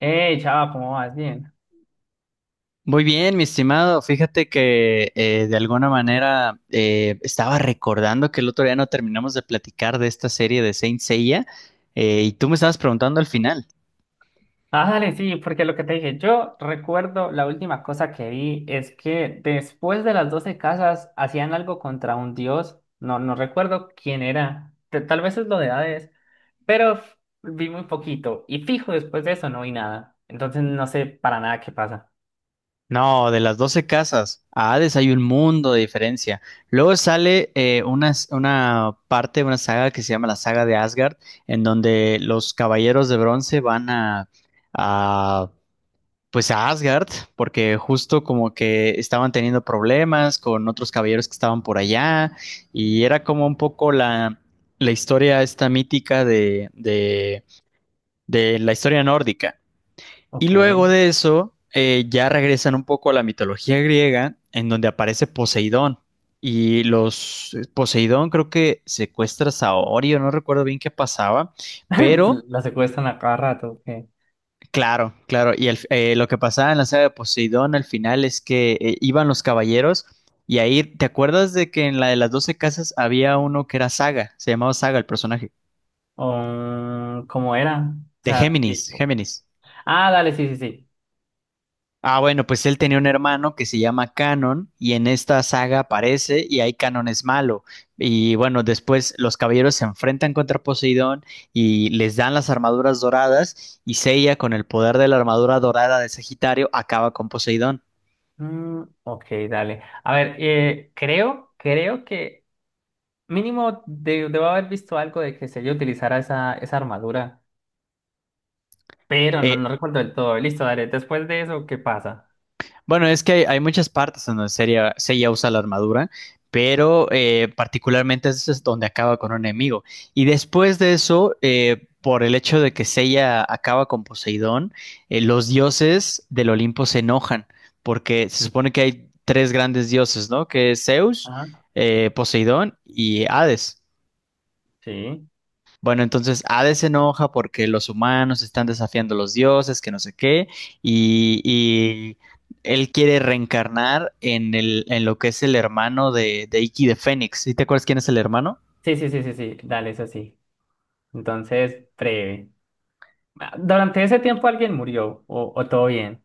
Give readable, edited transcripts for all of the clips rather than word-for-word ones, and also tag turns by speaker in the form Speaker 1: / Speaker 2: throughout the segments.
Speaker 1: Hey, chava, ¿cómo vas? Bien.
Speaker 2: Muy bien, mi estimado. Fíjate que de alguna manera estaba recordando que el otro día no terminamos de platicar de esta serie de Saint Seiya y tú me estabas preguntando al final.
Speaker 1: Ah, dale, sí, porque lo que te dije, yo recuerdo la última cosa que vi es que después de las 12 casas hacían algo contra un dios. No, no recuerdo quién era. Tal vez es lo de Hades, pero vi muy poquito. Y fijo, después de eso no vi nada. Entonces no sé para nada qué pasa.
Speaker 2: No, de las 12 casas a Hades hay un mundo de diferencia. Luego sale una parte, una saga que se llama la saga de Asgard, en donde los caballeros de bronce van a pues a Asgard, porque justo como que estaban teniendo problemas con otros caballeros que estaban por allá y era como un poco la historia esta mítica de la historia nórdica. Y
Speaker 1: Ok.
Speaker 2: luego de eso ya regresan un poco a la mitología griega en donde aparece Poseidón y los Poseidón creo que secuestra a Saorio, no recuerdo bien qué pasaba, pero
Speaker 1: La secuestran a cada rato, ok.
Speaker 2: claro, claro. Y lo que pasaba en la saga de Poseidón al final es que iban los caballeros y ahí, ¿te acuerdas de que en la de las 12 casas había uno que era Saga? Se llamaba Saga el personaje.
Speaker 1: ¿Cómo era? O
Speaker 2: De
Speaker 1: sea,
Speaker 2: Géminis,
Speaker 1: tipo.
Speaker 2: Géminis.
Speaker 1: Ah, dale, sí, sí, sí.
Speaker 2: Ah, bueno, pues él tenía un hermano que se llama Canon y en esta saga aparece y ahí Canon es malo. Y bueno, después los caballeros se enfrentan contra Poseidón y les dan las armaduras doradas y Seiya con el poder de la armadura dorada de Sagitario acaba con Poseidón.
Speaker 1: Mm, ok, dale. A ver, creo que mínimo debo haber visto algo de que Seiya utilizara esa, esa armadura, pero no,
Speaker 2: Eh,
Speaker 1: no recuerdo del todo. Listo, dale. Después de eso, ¿qué pasa?
Speaker 2: Bueno, es que hay muchas partes en donde Seiya, Seiya usa la armadura, pero particularmente ese es donde acaba con un enemigo. Y después de eso, por el hecho de que Seiya acaba con Poseidón, los dioses del Olimpo se enojan, porque se supone que hay tres grandes dioses, ¿no? Que es Zeus,
Speaker 1: Ajá.
Speaker 2: Poseidón y Hades.
Speaker 1: Sí.
Speaker 2: Bueno, entonces Hades se enoja porque los humanos están desafiando a los dioses, que no sé qué, y él quiere reencarnar en en lo que es el hermano de Iki de Fénix. ¿Sí te acuerdas quién es el hermano?
Speaker 1: Sí, sí, sí, sí, sí. Dale, eso sí. Entonces, breve. Ah, durante ese tiempo alguien murió, o todo bien.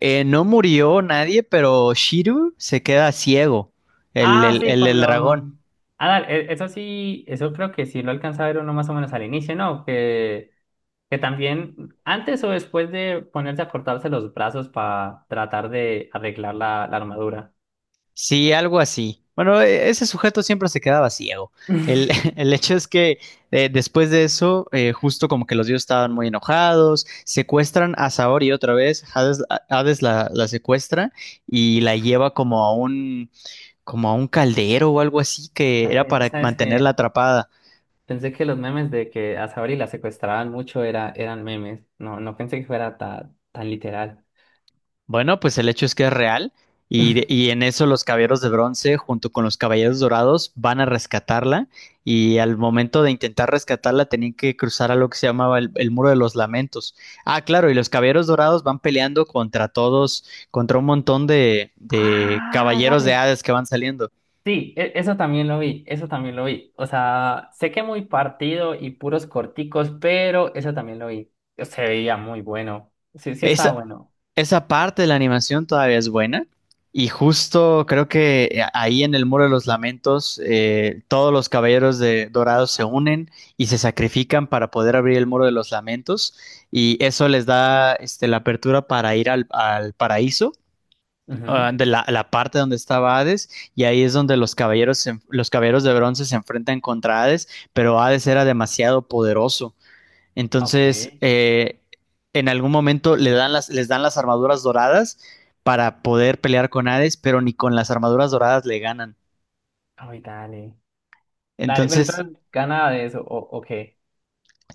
Speaker 2: No murió nadie, pero Shiru se queda ciego, el,
Speaker 1: Ah,
Speaker 2: el,
Speaker 1: sí,
Speaker 2: el,
Speaker 1: con
Speaker 2: el
Speaker 1: lo.
Speaker 2: dragón.
Speaker 1: Ah, dale, eso sí, eso creo que sí lo alcanza a ver uno más o menos al inicio, ¿no? Que también antes o después de ponerse a cortarse los brazos para tratar de arreglar la armadura.
Speaker 2: Sí, algo así. Bueno, ese sujeto siempre se quedaba ciego. El, el hecho es que después de eso, justo como que los dioses estaban muy enojados, secuestran a Saori otra vez, Hades la secuestra y la lleva como a un, caldero o algo así que era
Speaker 1: Dale,
Speaker 2: para
Speaker 1: ¿sabes qué?
Speaker 2: mantenerla atrapada.
Speaker 1: Pensé que los memes de que a Saori la secuestraban mucho era, eran memes. No, no pensé que fuera tan literal.
Speaker 2: Bueno, pues el hecho es que es real y en eso los caballeros de bronce junto con los caballeros dorados van a rescatarla y al momento de intentar rescatarla tenían que cruzar a lo que se llamaba el Muro de los Lamentos. Ah, claro, y los caballeros dorados van peleando contra todos, contra un montón de
Speaker 1: Ah,
Speaker 2: caballeros de
Speaker 1: dale.
Speaker 2: Hades que van saliendo.
Speaker 1: Sí, eso también lo vi, eso también lo vi. O sea, sé que muy partido y puros corticos, pero eso también lo vi. Se veía muy bueno. Sí, sí estaba
Speaker 2: Esa,
Speaker 1: bueno.
Speaker 2: esa parte de la animación todavía es buena. Y justo creo que ahí en el Muro de los Lamentos, todos los caballeros de Dorados se unen y se sacrifican para poder abrir el Muro de los Lamentos. Y eso les da la apertura para ir al paraíso,
Speaker 1: Ujú.
Speaker 2: ah, de la parte donde estaba Hades. Y ahí es donde los caballeros, los caballeros de bronce se enfrentan contra Hades, pero Hades era demasiado poderoso.
Speaker 1: Ok.
Speaker 2: Entonces, en algún momento les dan las armaduras doradas para poder pelear con Hades, pero ni con las armaduras doradas le ganan.
Speaker 1: Ay, dale. Dale, pero
Speaker 2: Entonces,
Speaker 1: entonces gana de eso, o qué.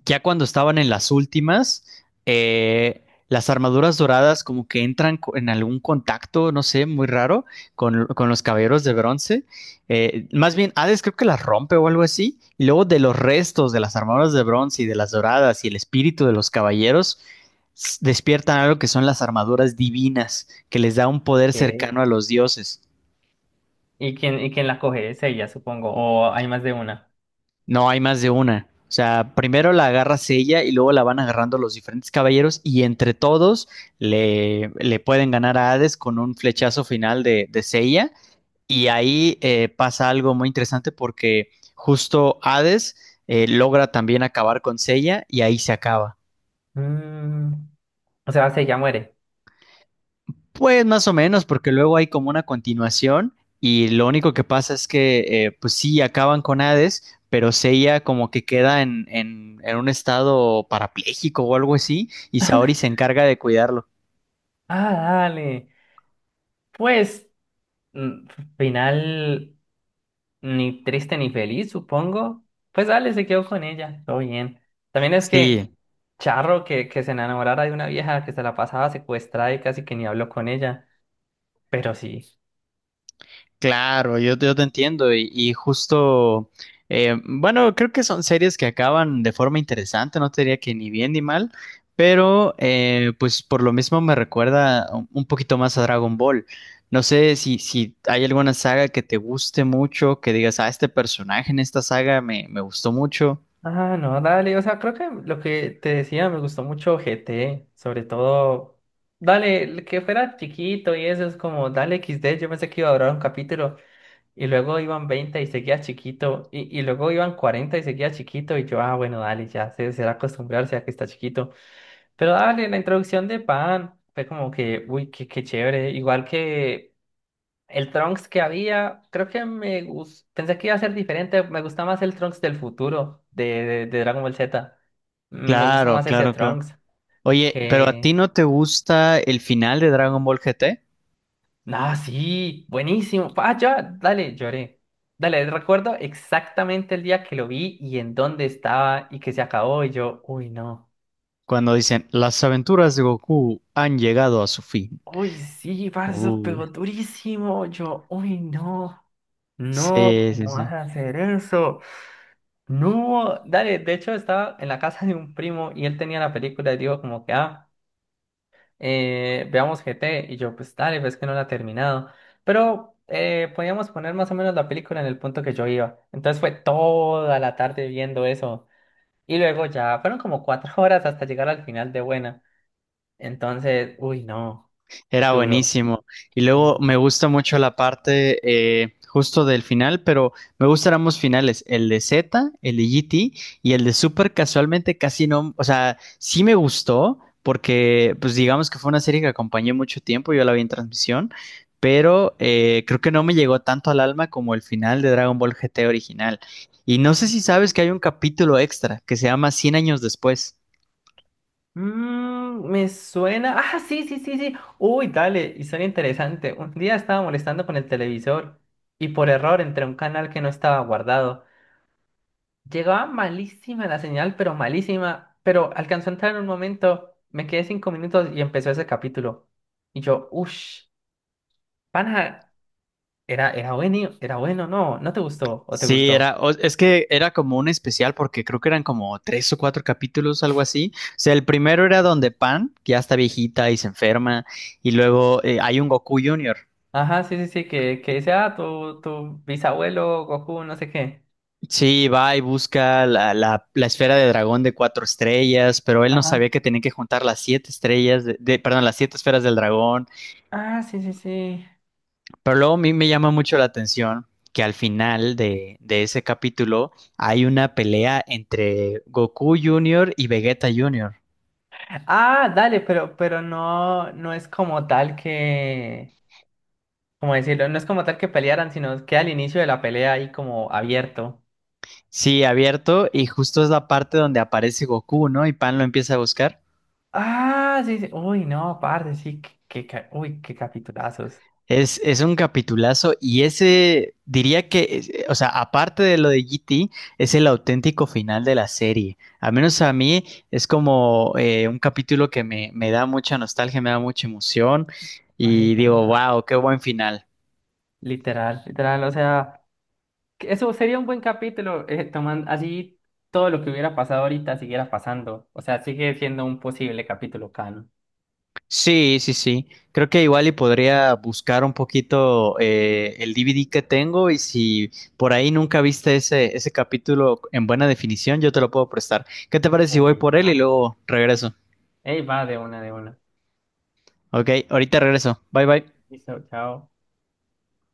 Speaker 2: ya cuando estaban en las últimas, eh, las armaduras doradas como que entran en algún contacto, no sé, muy raro, con los caballeros de bronce. Más bien, Hades creo que las rompe o algo así. Y luego de los restos de las armaduras de bronce y de las doradas y el espíritu de los caballeros, despiertan algo que son las armaduras divinas, que les da un poder
Speaker 1: Ok.
Speaker 2: cercano a los dioses.
Speaker 1: ¿Y quién la coge? Es ella, supongo. O hay más de una.
Speaker 2: No, hay más de una. O sea, primero la agarras ella y luego la van agarrando los diferentes caballeros y entre todos le pueden ganar a Hades con un flechazo final de Seiya. Y ahí pasa algo muy interesante porque justo Hades logra también acabar con Seiya y ahí se acaba.
Speaker 1: Mm, O sea, si ella muere.
Speaker 2: Pues más o menos, porque luego hay como una continuación y lo único que pasa es que, pues sí, acaban con Hades, pero Seiya como que queda en, en un estado parapléjico o algo así y Saori se encarga de cuidarlo.
Speaker 1: Ah, dale. Pues, mm, final ni triste ni feliz, supongo. Pues dale, se quedó con ella. Todo bien. También es que
Speaker 2: Sí,
Speaker 1: Charro que se enamorara de una vieja que se la pasaba secuestrada y casi que ni habló con ella. Pero sí.
Speaker 2: claro, yo te entiendo y justo, bueno, creo que son series que acaban de forma interesante, no te diría que ni bien ni mal, pero pues por lo mismo me recuerda un poquito más a Dragon Ball. No sé si hay alguna saga que te guste mucho, que digas, ah, este personaje en esta saga me gustó mucho.
Speaker 1: Ah, no, dale, o sea, creo que lo que te decía me gustó mucho GT, sobre todo, dale, el que fuera chiquito y eso es como, dale X D yo pensé que iba a durar un capítulo y luego iban 20 y seguía chiquito y luego iban 40 y seguía chiquito y yo, ah, bueno, dale, ya se será acostumbrarse a que está chiquito, pero dale, la introducción de Pan fue como que, uy, qué, qué chévere, igual que el Trunks que había, creo que me gustó, pensé que iba a ser diferente, me gusta más el Trunks del futuro de Dragon Ball Z. Me gusta
Speaker 2: Claro,
Speaker 1: más ese
Speaker 2: claro, claro.
Speaker 1: Trunks
Speaker 2: Oye, pero ¿a ti
Speaker 1: que.
Speaker 2: no te gusta el final de Dragon Ball GT?
Speaker 1: Ah, sí, buenísimo. Ah, ya, dale, lloré. Dale, recuerdo exactamente el día que lo vi y en dónde estaba y que se acabó y yo, uy, no.
Speaker 2: Cuando dicen, las aventuras de Goku han llegado a su fin.
Speaker 1: Uy, sí, parce, eso
Speaker 2: Uy.
Speaker 1: pegó durísimo. Yo, uy, no. No,
Speaker 2: Sí, sí,
Speaker 1: ¿cómo
Speaker 2: sí.
Speaker 1: vas a hacer eso? No, dale, de hecho estaba en la casa de un primo y él tenía la película y digo como que, ah, veamos GT y yo pues dale, ves que no la he terminado, pero podíamos poner más o menos la película en el punto que yo iba, entonces fue toda la tarde viendo eso y luego ya fueron como 4 horas hasta llegar al final de buena, entonces, uy, no,
Speaker 2: Era
Speaker 1: duro.
Speaker 2: buenísimo. Y luego
Speaker 1: Sí.
Speaker 2: me gusta mucho la parte justo del final, pero me gustan ambos finales, el de Z, el de GT y el de Super casualmente casi no, o sea, sí me gustó porque pues digamos que fue una serie que acompañé mucho tiempo, yo la vi en transmisión, pero creo que no me llegó tanto al alma como el final de Dragon Ball GT original. Y no sé si sabes que hay un capítulo extra que se llama Cien años después.
Speaker 1: Me suena. Ah, sí, sí, sí, sí. Uy, dale, historia interesante. Un día estaba molestando con el televisor y por error entré a un canal que no estaba guardado. Llegaba malísima la señal, pero malísima. Pero alcanzó a entrar en un momento, me quedé 5 minutos y empezó ese capítulo. Y yo, uff, pana, era bueno, era bueno, no, no te gustó o te
Speaker 2: Sí, era,
Speaker 1: gustó.
Speaker 2: es que era como un especial porque creo que eran como tres o cuatro capítulos, algo así. O sea, el primero era donde Pan, que ya está viejita y se enferma, y luego hay un Goku Junior.
Speaker 1: Ajá, sí, sí, sí, que dice, ah, tu bisabuelo, Goku, no sé qué.
Speaker 2: Sí, va y busca la, la esfera de dragón de cuatro estrellas, pero él no
Speaker 1: Ajá.
Speaker 2: sabía que tenía que juntar las siete estrellas, perdón, las siete esferas del dragón.
Speaker 1: Ah, sí, sí, sí.
Speaker 2: Pero luego a mí me llama mucho la atención que al final de ese capítulo hay una pelea entre Goku Junior y Vegeta Junior.
Speaker 1: Ah, dale, pero no, no es como tal que, ¿cómo decirlo? No es como tal que pelearan, sino que al inicio de la pelea ahí como abierto.
Speaker 2: Sí, abierto y justo es la parte donde aparece Goku, ¿no? Y Pan lo empieza a buscar.
Speaker 1: Ah, sí, sí. Uy, no, parce, sí, qué, uy, qué capitulazos.
Speaker 2: Es un capitulazo y ese diría que, o sea, aparte de lo de GT, es el auténtico final de la serie. Al menos a mí es como un capítulo que me da mucha nostalgia, me da mucha emoción
Speaker 1: Epa,
Speaker 2: y
Speaker 1: epa,
Speaker 2: digo,
Speaker 1: epa.
Speaker 2: wow, qué buen final.
Speaker 1: Literal, literal, o sea, que eso sería un buen capítulo, tomando así todo lo que hubiera pasado ahorita siguiera pasando. O sea, sigue siendo un posible capítulo canon.
Speaker 2: Sí, sí, sí. Creo que igual y podría buscar un poquito el DVD que tengo y si por ahí nunca viste ese capítulo en buena definición, yo te lo puedo prestar. ¿Qué te parece si voy
Speaker 1: Uy,
Speaker 2: por él y
Speaker 1: va.
Speaker 2: luego regreso?
Speaker 1: Ey, va de una, de una.
Speaker 2: Ok, ahorita regreso. Bye bye.
Speaker 1: Listo, chao.